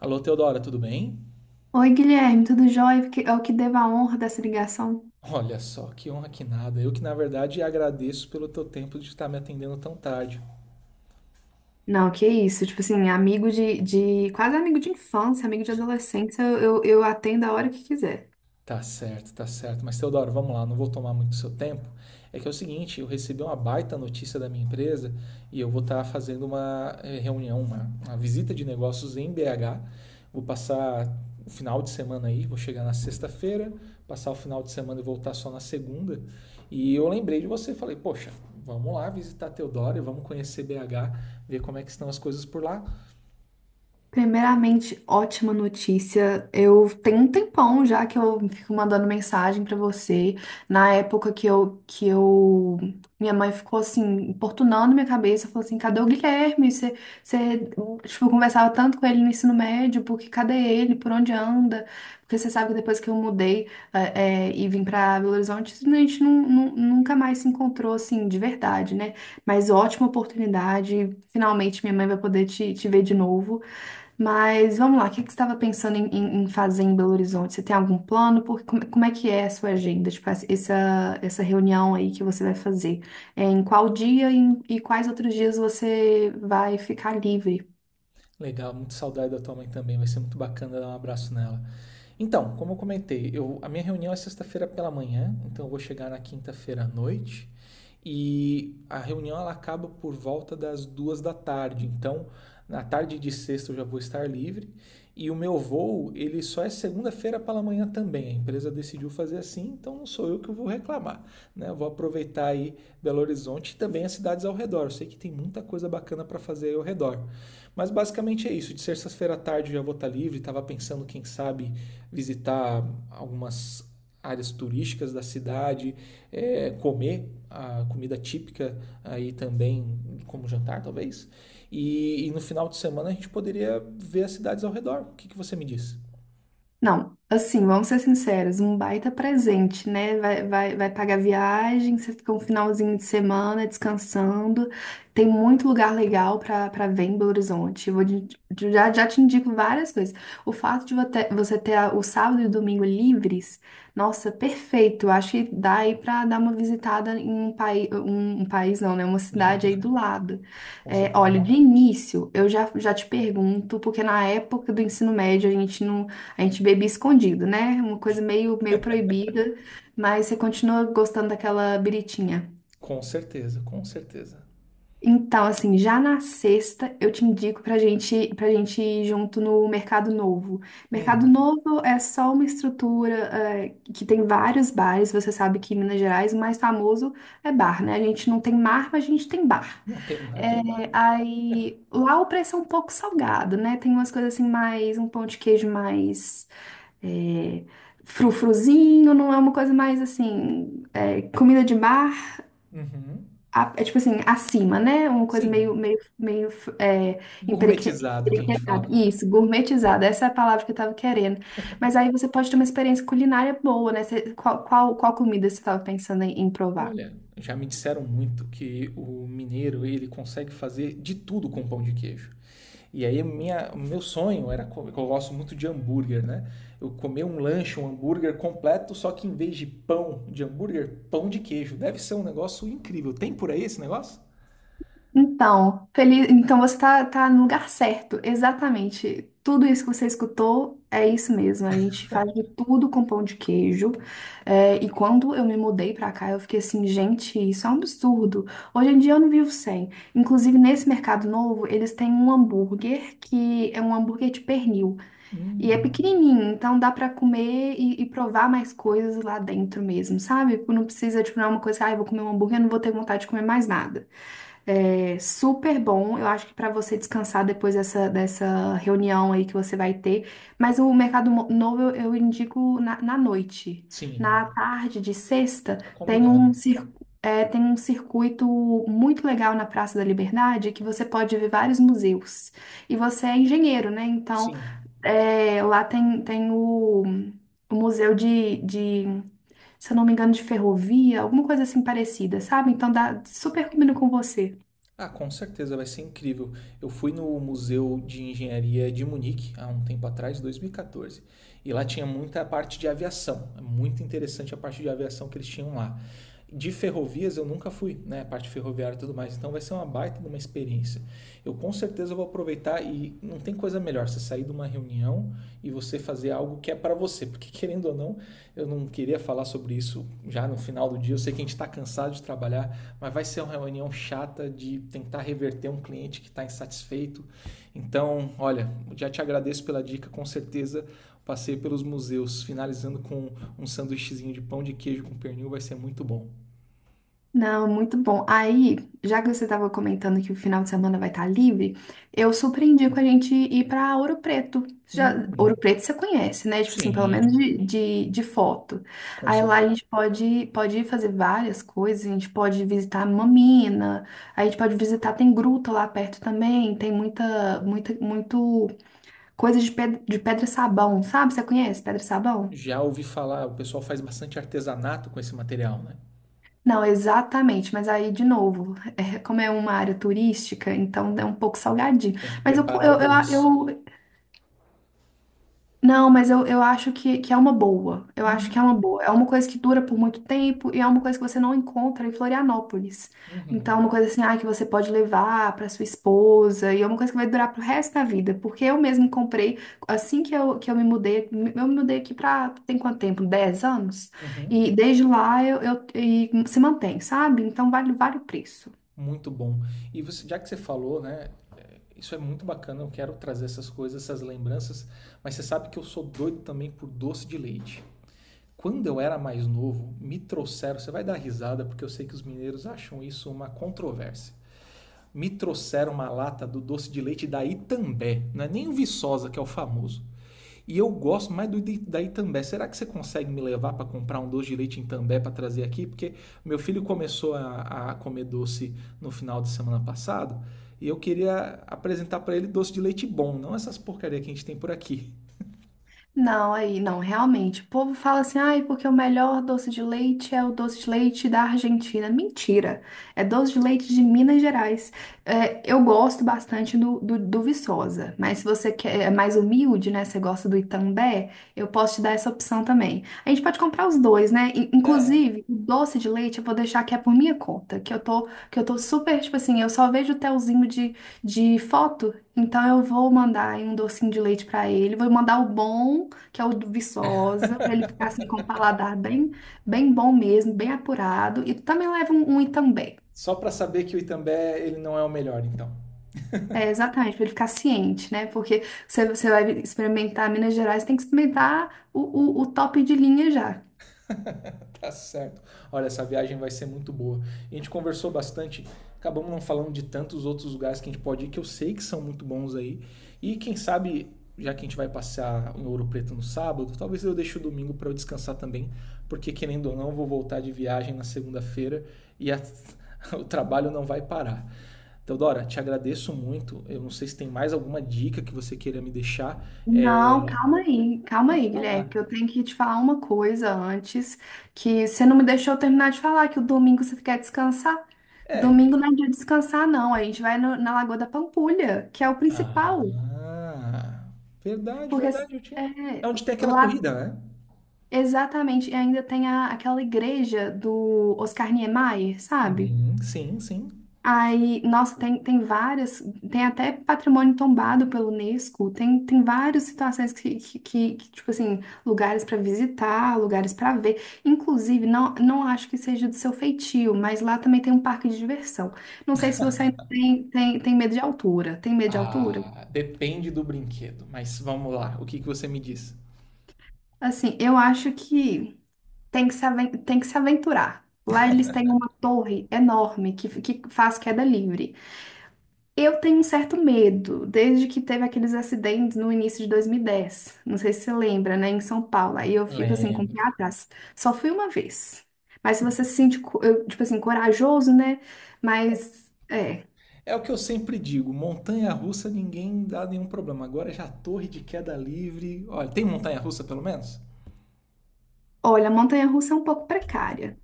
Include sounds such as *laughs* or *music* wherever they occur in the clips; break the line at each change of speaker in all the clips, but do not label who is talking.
Alô, Teodora, tudo bem?
Oi, Guilherme, tudo jóia? É o que devo a honra dessa ligação.
Olha só, que honra que nada. Eu que, na verdade, agradeço pelo teu tempo de estar me atendendo tão tarde.
Não, que isso, tipo assim, amigo de quase amigo de infância, amigo de adolescência, eu atendo a hora que quiser.
Tá certo, tá certo. Mas Teodoro, vamos lá, não vou tomar muito seu tempo. É que é o seguinte, eu recebi uma baita notícia da minha empresa e eu vou estar fazendo uma reunião, uma visita de negócios em BH. Vou passar o final de semana aí, vou chegar na sexta-feira, passar o final de semana e voltar só na segunda. E eu lembrei de você, falei, poxa, vamos lá visitar Teodoro, vamos conhecer BH, ver como é que estão as coisas por lá.
Primeiramente, ótima notícia. Eu tenho um tempão já que eu fico mandando mensagem pra você. Na época minha mãe ficou assim, importunando minha cabeça, falou assim: cadê o Guilherme? Você, tipo, conversava tanto com ele no ensino médio, porque cadê ele? Por onde anda? Porque você sabe que depois que eu mudei, eh, e vim pra Belo Horizonte, a gente nunca mais se encontrou assim, de verdade, né? Mas ótima oportunidade. Finalmente minha mãe vai poder te ver de novo. Mas vamos lá, o que que você estava pensando em fazer em Belo Horizonte? Você tem algum plano? Porque, como é que é a sua agenda? Tipo, essa reunião aí que você vai fazer? É, em qual dia e quais outros dias você vai ficar livre?
Legal, muito saudade da tua mãe também, vai ser muito bacana dar um abraço nela. Então, como eu comentei, eu, a minha reunião é sexta-feira pela manhã, então eu vou chegar na quinta-feira à noite. E a reunião ela acaba por volta das duas da tarde. Então, na tarde de sexta eu já vou estar livre. E o meu voo, ele só é segunda-feira pela manhã também. A empresa decidiu fazer assim, então não sou eu que vou reclamar. Né? Eu vou aproveitar aí Belo Horizonte e também as cidades ao redor. Eu sei que tem muita coisa bacana para fazer aí ao redor. Mas basicamente é isso. De sexta-feira à tarde eu já vou estar livre. Estava pensando, quem sabe, visitar algumas áreas turísticas da cidade, comer a comida típica aí também como jantar, talvez. E no final de semana a gente poderia ver as cidades ao redor. O que você me diz?
Não, assim, vamos ser sinceros, um baita presente, né? Vai pagar viagem, você fica um finalzinho de semana descansando. Tem muito lugar legal para ver em Belo Horizonte. Eu vou já, já te indico várias coisas. O fato de você ter o sábado e o domingo livres, nossa, perfeito. Eu acho que dá aí para dar uma visitada em um país, não, né? Uma cidade aí
*laughs*
do lado.
Com
É,
certeza.
olha, de início, eu já te pergunto, porque na época do ensino médio a gente não a gente bebia escondido, né? Uma coisa meio proibida, mas você continua gostando daquela biritinha.
Com certeza, com certeza.
Então, assim, já na sexta eu te indico pra gente ir junto no Mercado Novo. Mercado
Hum,
Novo é só uma estrutura, é, que tem vários bares. Você sabe que em Minas Gerais o mais famoso é bar, né? A gente não tem mar, mas a gente tem bar.
não tem mar, tem
É,
bar.
aí lá o preço é um pouco salgado, né? Tem umas coisas assim mais, um pão de queijo mais é, frufruzinho, não é uma coisa mais assim, é, comida de bar,
Uhum.
é tipo assim, acima, né? Uma coisa
Sim,
meio é, empereque-
gourmetizado que a gente
emperequetada.
fala.
Isso, gourmetizada, essa é a palavra que eu tava querendo. Mas aí você pode ter uma experiência culinária boa, né? Qual comida você tava pensando em provar?
Olha, já me disseram muito que o mineiro ele consegue fazer de tudo com pão de queijo. E aí minha, meu sonho era comer, eu gosto muito de hambúrguer, né? Eu comer um lanche, um hambúrguer completo, só que em vez de pão de hambúrguer, pão de queijo. Deve ser um negócio incrível. Tem por aí esse negócio?
Então, feliz... então você tá no lugar certo, exatamente. Tudo isso que você escutou é isso mesmo. A gente faz de tudo com pão de queijo. É, e quando eu me mudei pra cá, eu fiquei assim, gente, isso é um absurdo. Hoje em dia eu não vivo sem. Inclusive, nesse mercado novo, eles têm um hambúrguer que é um hambúrguer de pernil. E é
Hum,
pequenininho, então dá pra comer e provar mais coisas lá dentro mesmo, sabe? Não precisa, tipo, não é uma coisa, ah, eu vou comer um hambúrguer, eu não vou ter vontade de comer mais nada. É super bom. Eu acho que para você descansar depois dessa reunião aí que você vai ter. Mas o Novo eu, indico na noite.
sim,
Na tarde de sexta,
tá combinado.
é, tem um circuito muito legal na Praça da Liberdade que você pode ver vários museus. E você é engenheiro, né? Então,
Sim.
é, lá tem o museu de se eu não me engano, de ferrovia, alguma coisa assim parecida, sabe? Então dá super combina com você.
Ah, com certeza vai ser incrível. Eu fui no Museu de Engenharia de Munique há um tempo atrás, 2014, e quatorze, e lá tinha muita parte de aviação. É muito interessante a parte de aviação que eles tinham lá. De ferrovias eu nunca fui, né? A parte ferroviária e tudo mais. Então vai ser uma baita de uma experiência. Eu com certeza vou aproveitar e não tem coisa melhor você sair de uma reunião e você fazer algo que é para você, porque querendo ou não, eu não queria falar sobre isso já no final do dia. Eu sei que a gente está cansado de trabalhar, mas vai ser uma reunião chata de tentar reverter um cliente que está insatisfeito. Então, olha, já te agradeço pela dica, com certeza passei pelos museus, finalizando com um sanduíchezinho de pão de queijo com pernil, vai ser muito bom.
Não, muito bom. Aí, já que você estava comentando que o final de semana vai estar livre, eu surpreendi com a gente ir para Ouro Preto. Já, Ouro
Hum,
Preto você conhece, né? Tipo assim, pelo menos
sim,
de foto.
com
Aí lá a
certeza.
gente pode ir fazer várias coisas, a gente pode visitar Mamina, a gente pode visitar, tem gruta lá perto também, tem muito coisa de pedra sabão, sabe? Você conhece pedra sabão?
Já ouvi falar, o pessoal faz bastante artesanato com esse material, né?
Não, exatamente, mas aí de novo, é, como é uma área turística, então é um pouco salgadinho.
Tem que
Mas eu, co-
preparar o bolso.
eu, não, mas eu acho que é uma boa. Eu acho
Uhum,
que é uma boa. É uma coisa que dura por muito tempo e é uma coisa que você não encontra em Florianópolis. Então, é
uhum,
uma coisa assim, ah, que você pode levar para sua esposa e é uma coisa que vai durar pro resto da vida. Porque eu mesmo comprei, assim que eu me mudei aqui pra, tem quanto tempo? 10 anos?
uhum.
E desde lá e se mantém, sabe? Então, vale o preço.
Muito bom. E você, já que você falou, né? Isso é muito bacana. Eu quero trazer essas coisas, essas lembranças. Mas você sabe que eu sou doido também por doce de leite. Quando eu era mais novo, me trouxeram. Você vai dar risada porque eu sei que os mineiros acham isso uma controvérsia. Me trouxeram uma lata do doce de leite da Itambé. Não é nem o Viçosa, que é o famoso. E eu gosto mais do da Itambé. Será que você consegue me levar para comprar um doce de leite em Itambé para trazer aqui? Porque meu filho começou a comer doce no final de semana passado e eu queria apresentar para ele doce de leite bom, não essas porcaria que a gente tem por aqui.
Não, aí, não, realmente. O povo fala assim, ai, porque o melhor doce de leite é o doce de leite da Argentina. Mentira! É doce de leite de Minas Gerais. É, eu gosto bastante do Viçosa, mas se você quer, é mais humilde, né? Você gosta do Itambé, eu posso te dar essa opção também. A gente pode comprar os dois, né? Inclusive, o doce de leite eu vou deixar que é por minha conta, que eu tô super, tipo assim, eu só vejo o telzinho de foto. Então eu vou mandar aí um docinho de leite pra ele, vou mandar o bom que é o do Viçosa, para ele ficar assim com o
*laughs*
paladar bem, bem bom mesmo, bem apurado. E também leva um Itambé.
Só para saber que o Itambé ele não é o melhor, então.
É, exatamente, para ele ficar ciente, né? Porque você vai experimentar Minas Gerais, tem que experimentar o top de linha já.
*laughs* Tá certo. Olha, essa viagem vai ser muito boa. A gente conversou bastante, acabamos não falando de tantos outros lugares que a gente pode ir, que eu sei que são muito bons aí. E quem sabe, já que a gente vai passear em Ouro Preto no sábado, talvez eu deixe o domingo para eu descansar também, porque querendo ou não, eu vou voltar de viagem na segunda-feira e *laughs* o trabalho não vai parar. Teodora, te agradeço muito. Eu não sei se tem mais alguma dica que você queira me deixar.
Não,
É,
calma
pode
aí, Guilherme,
falar.
que eu tenho que te falar uma coisa antes, que você não me deixou terminar de falar, que o domingo você quer descansar. Domingo
É,
não é dia de descansar, não. A gente vai na Lagoa da Pampulha, que é o
ah,
principal.
verdade,
Porque
verdade, eu tinha. É
é,
onde tem aquela
lá
corrida, né?
exatamente, e ainda tem aquela igreja do Oscar Niemeyer, sabe?
Uhum. Sim, sim.
Aí, nossa, tem até patrimônio tombado pelo Unesco, tem várias situações que, tipo assim, lugares para visitar, lugares para ver. Inclusive, não acho que seja do seu feitio, mas lá também tem um parque de diversão. Não sei se você ainda tem medo de altura. Tem medo de altura?
Ah, depende do brinquedo, mas vamos lá, o que que você me diz?
Assim, eu acho que. Tem que se, aven- tem que se aventurar. Lá eles têm uma torre enorme que faz queda livre. Eu tenho um certo medo, desde que teve aqueles acidentes no início de 2010. Não sei se você lembra, né? Em São Paulo. Aí eu fico assim com o pé
Lembro.
atrás. Só fui uma vez. Mas se você se sente, tipo assim, corajoso, né? Mas, é.
É o que eu sempre digo, montanha-russa ninguém dá nenhum problema. Agora já torre de queda livre. Olha, tem montanha-russa pelo menos?
Olha, a montanha-russa é um pouco precária.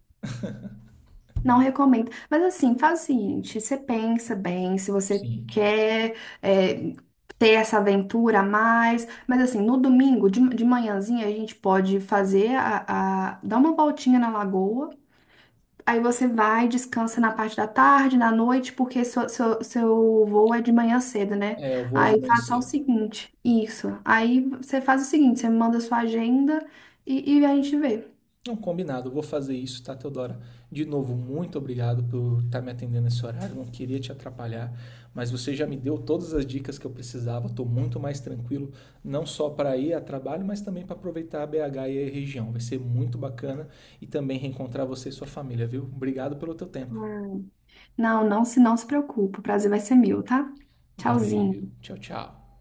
Não recomendo. Mas assim, faz o seguinte: você pensa bem, se você
Sim.
quer é, ter essa aventura a mais. Mas assim, no domingo, de manhãzinha, a gente pode fazer dar uma voltinha na lagoa. Aí você vai, descansa na parte da tarde, na noite, porque seu voo é de manhã cedo, né?
É, eu vou de
Aí
manhã
faça o
cedo.
seguinte: isso. Aí você faz o seguinte: você me manda sua agenda e a gente vê.
Não, combinado, eu vou fazer isso, tá, Teodora? De novo, muito obrigado por estar me atendendo nesse horário, não queria te atrapalhar, mas você já me deu todas as dicas que eu precisava, estou muito mais tranquilo, não só para ir a trabalho, mas também para aproveitar a BH e a região. Vai ser muito bacana e também reencontrar você e sua família, viu? Obrigado pelo teu tempo.
Não se preocupe. O prazer vai ser meu, tá?
Valeu,
Tchauzinho.
tchau, tchau.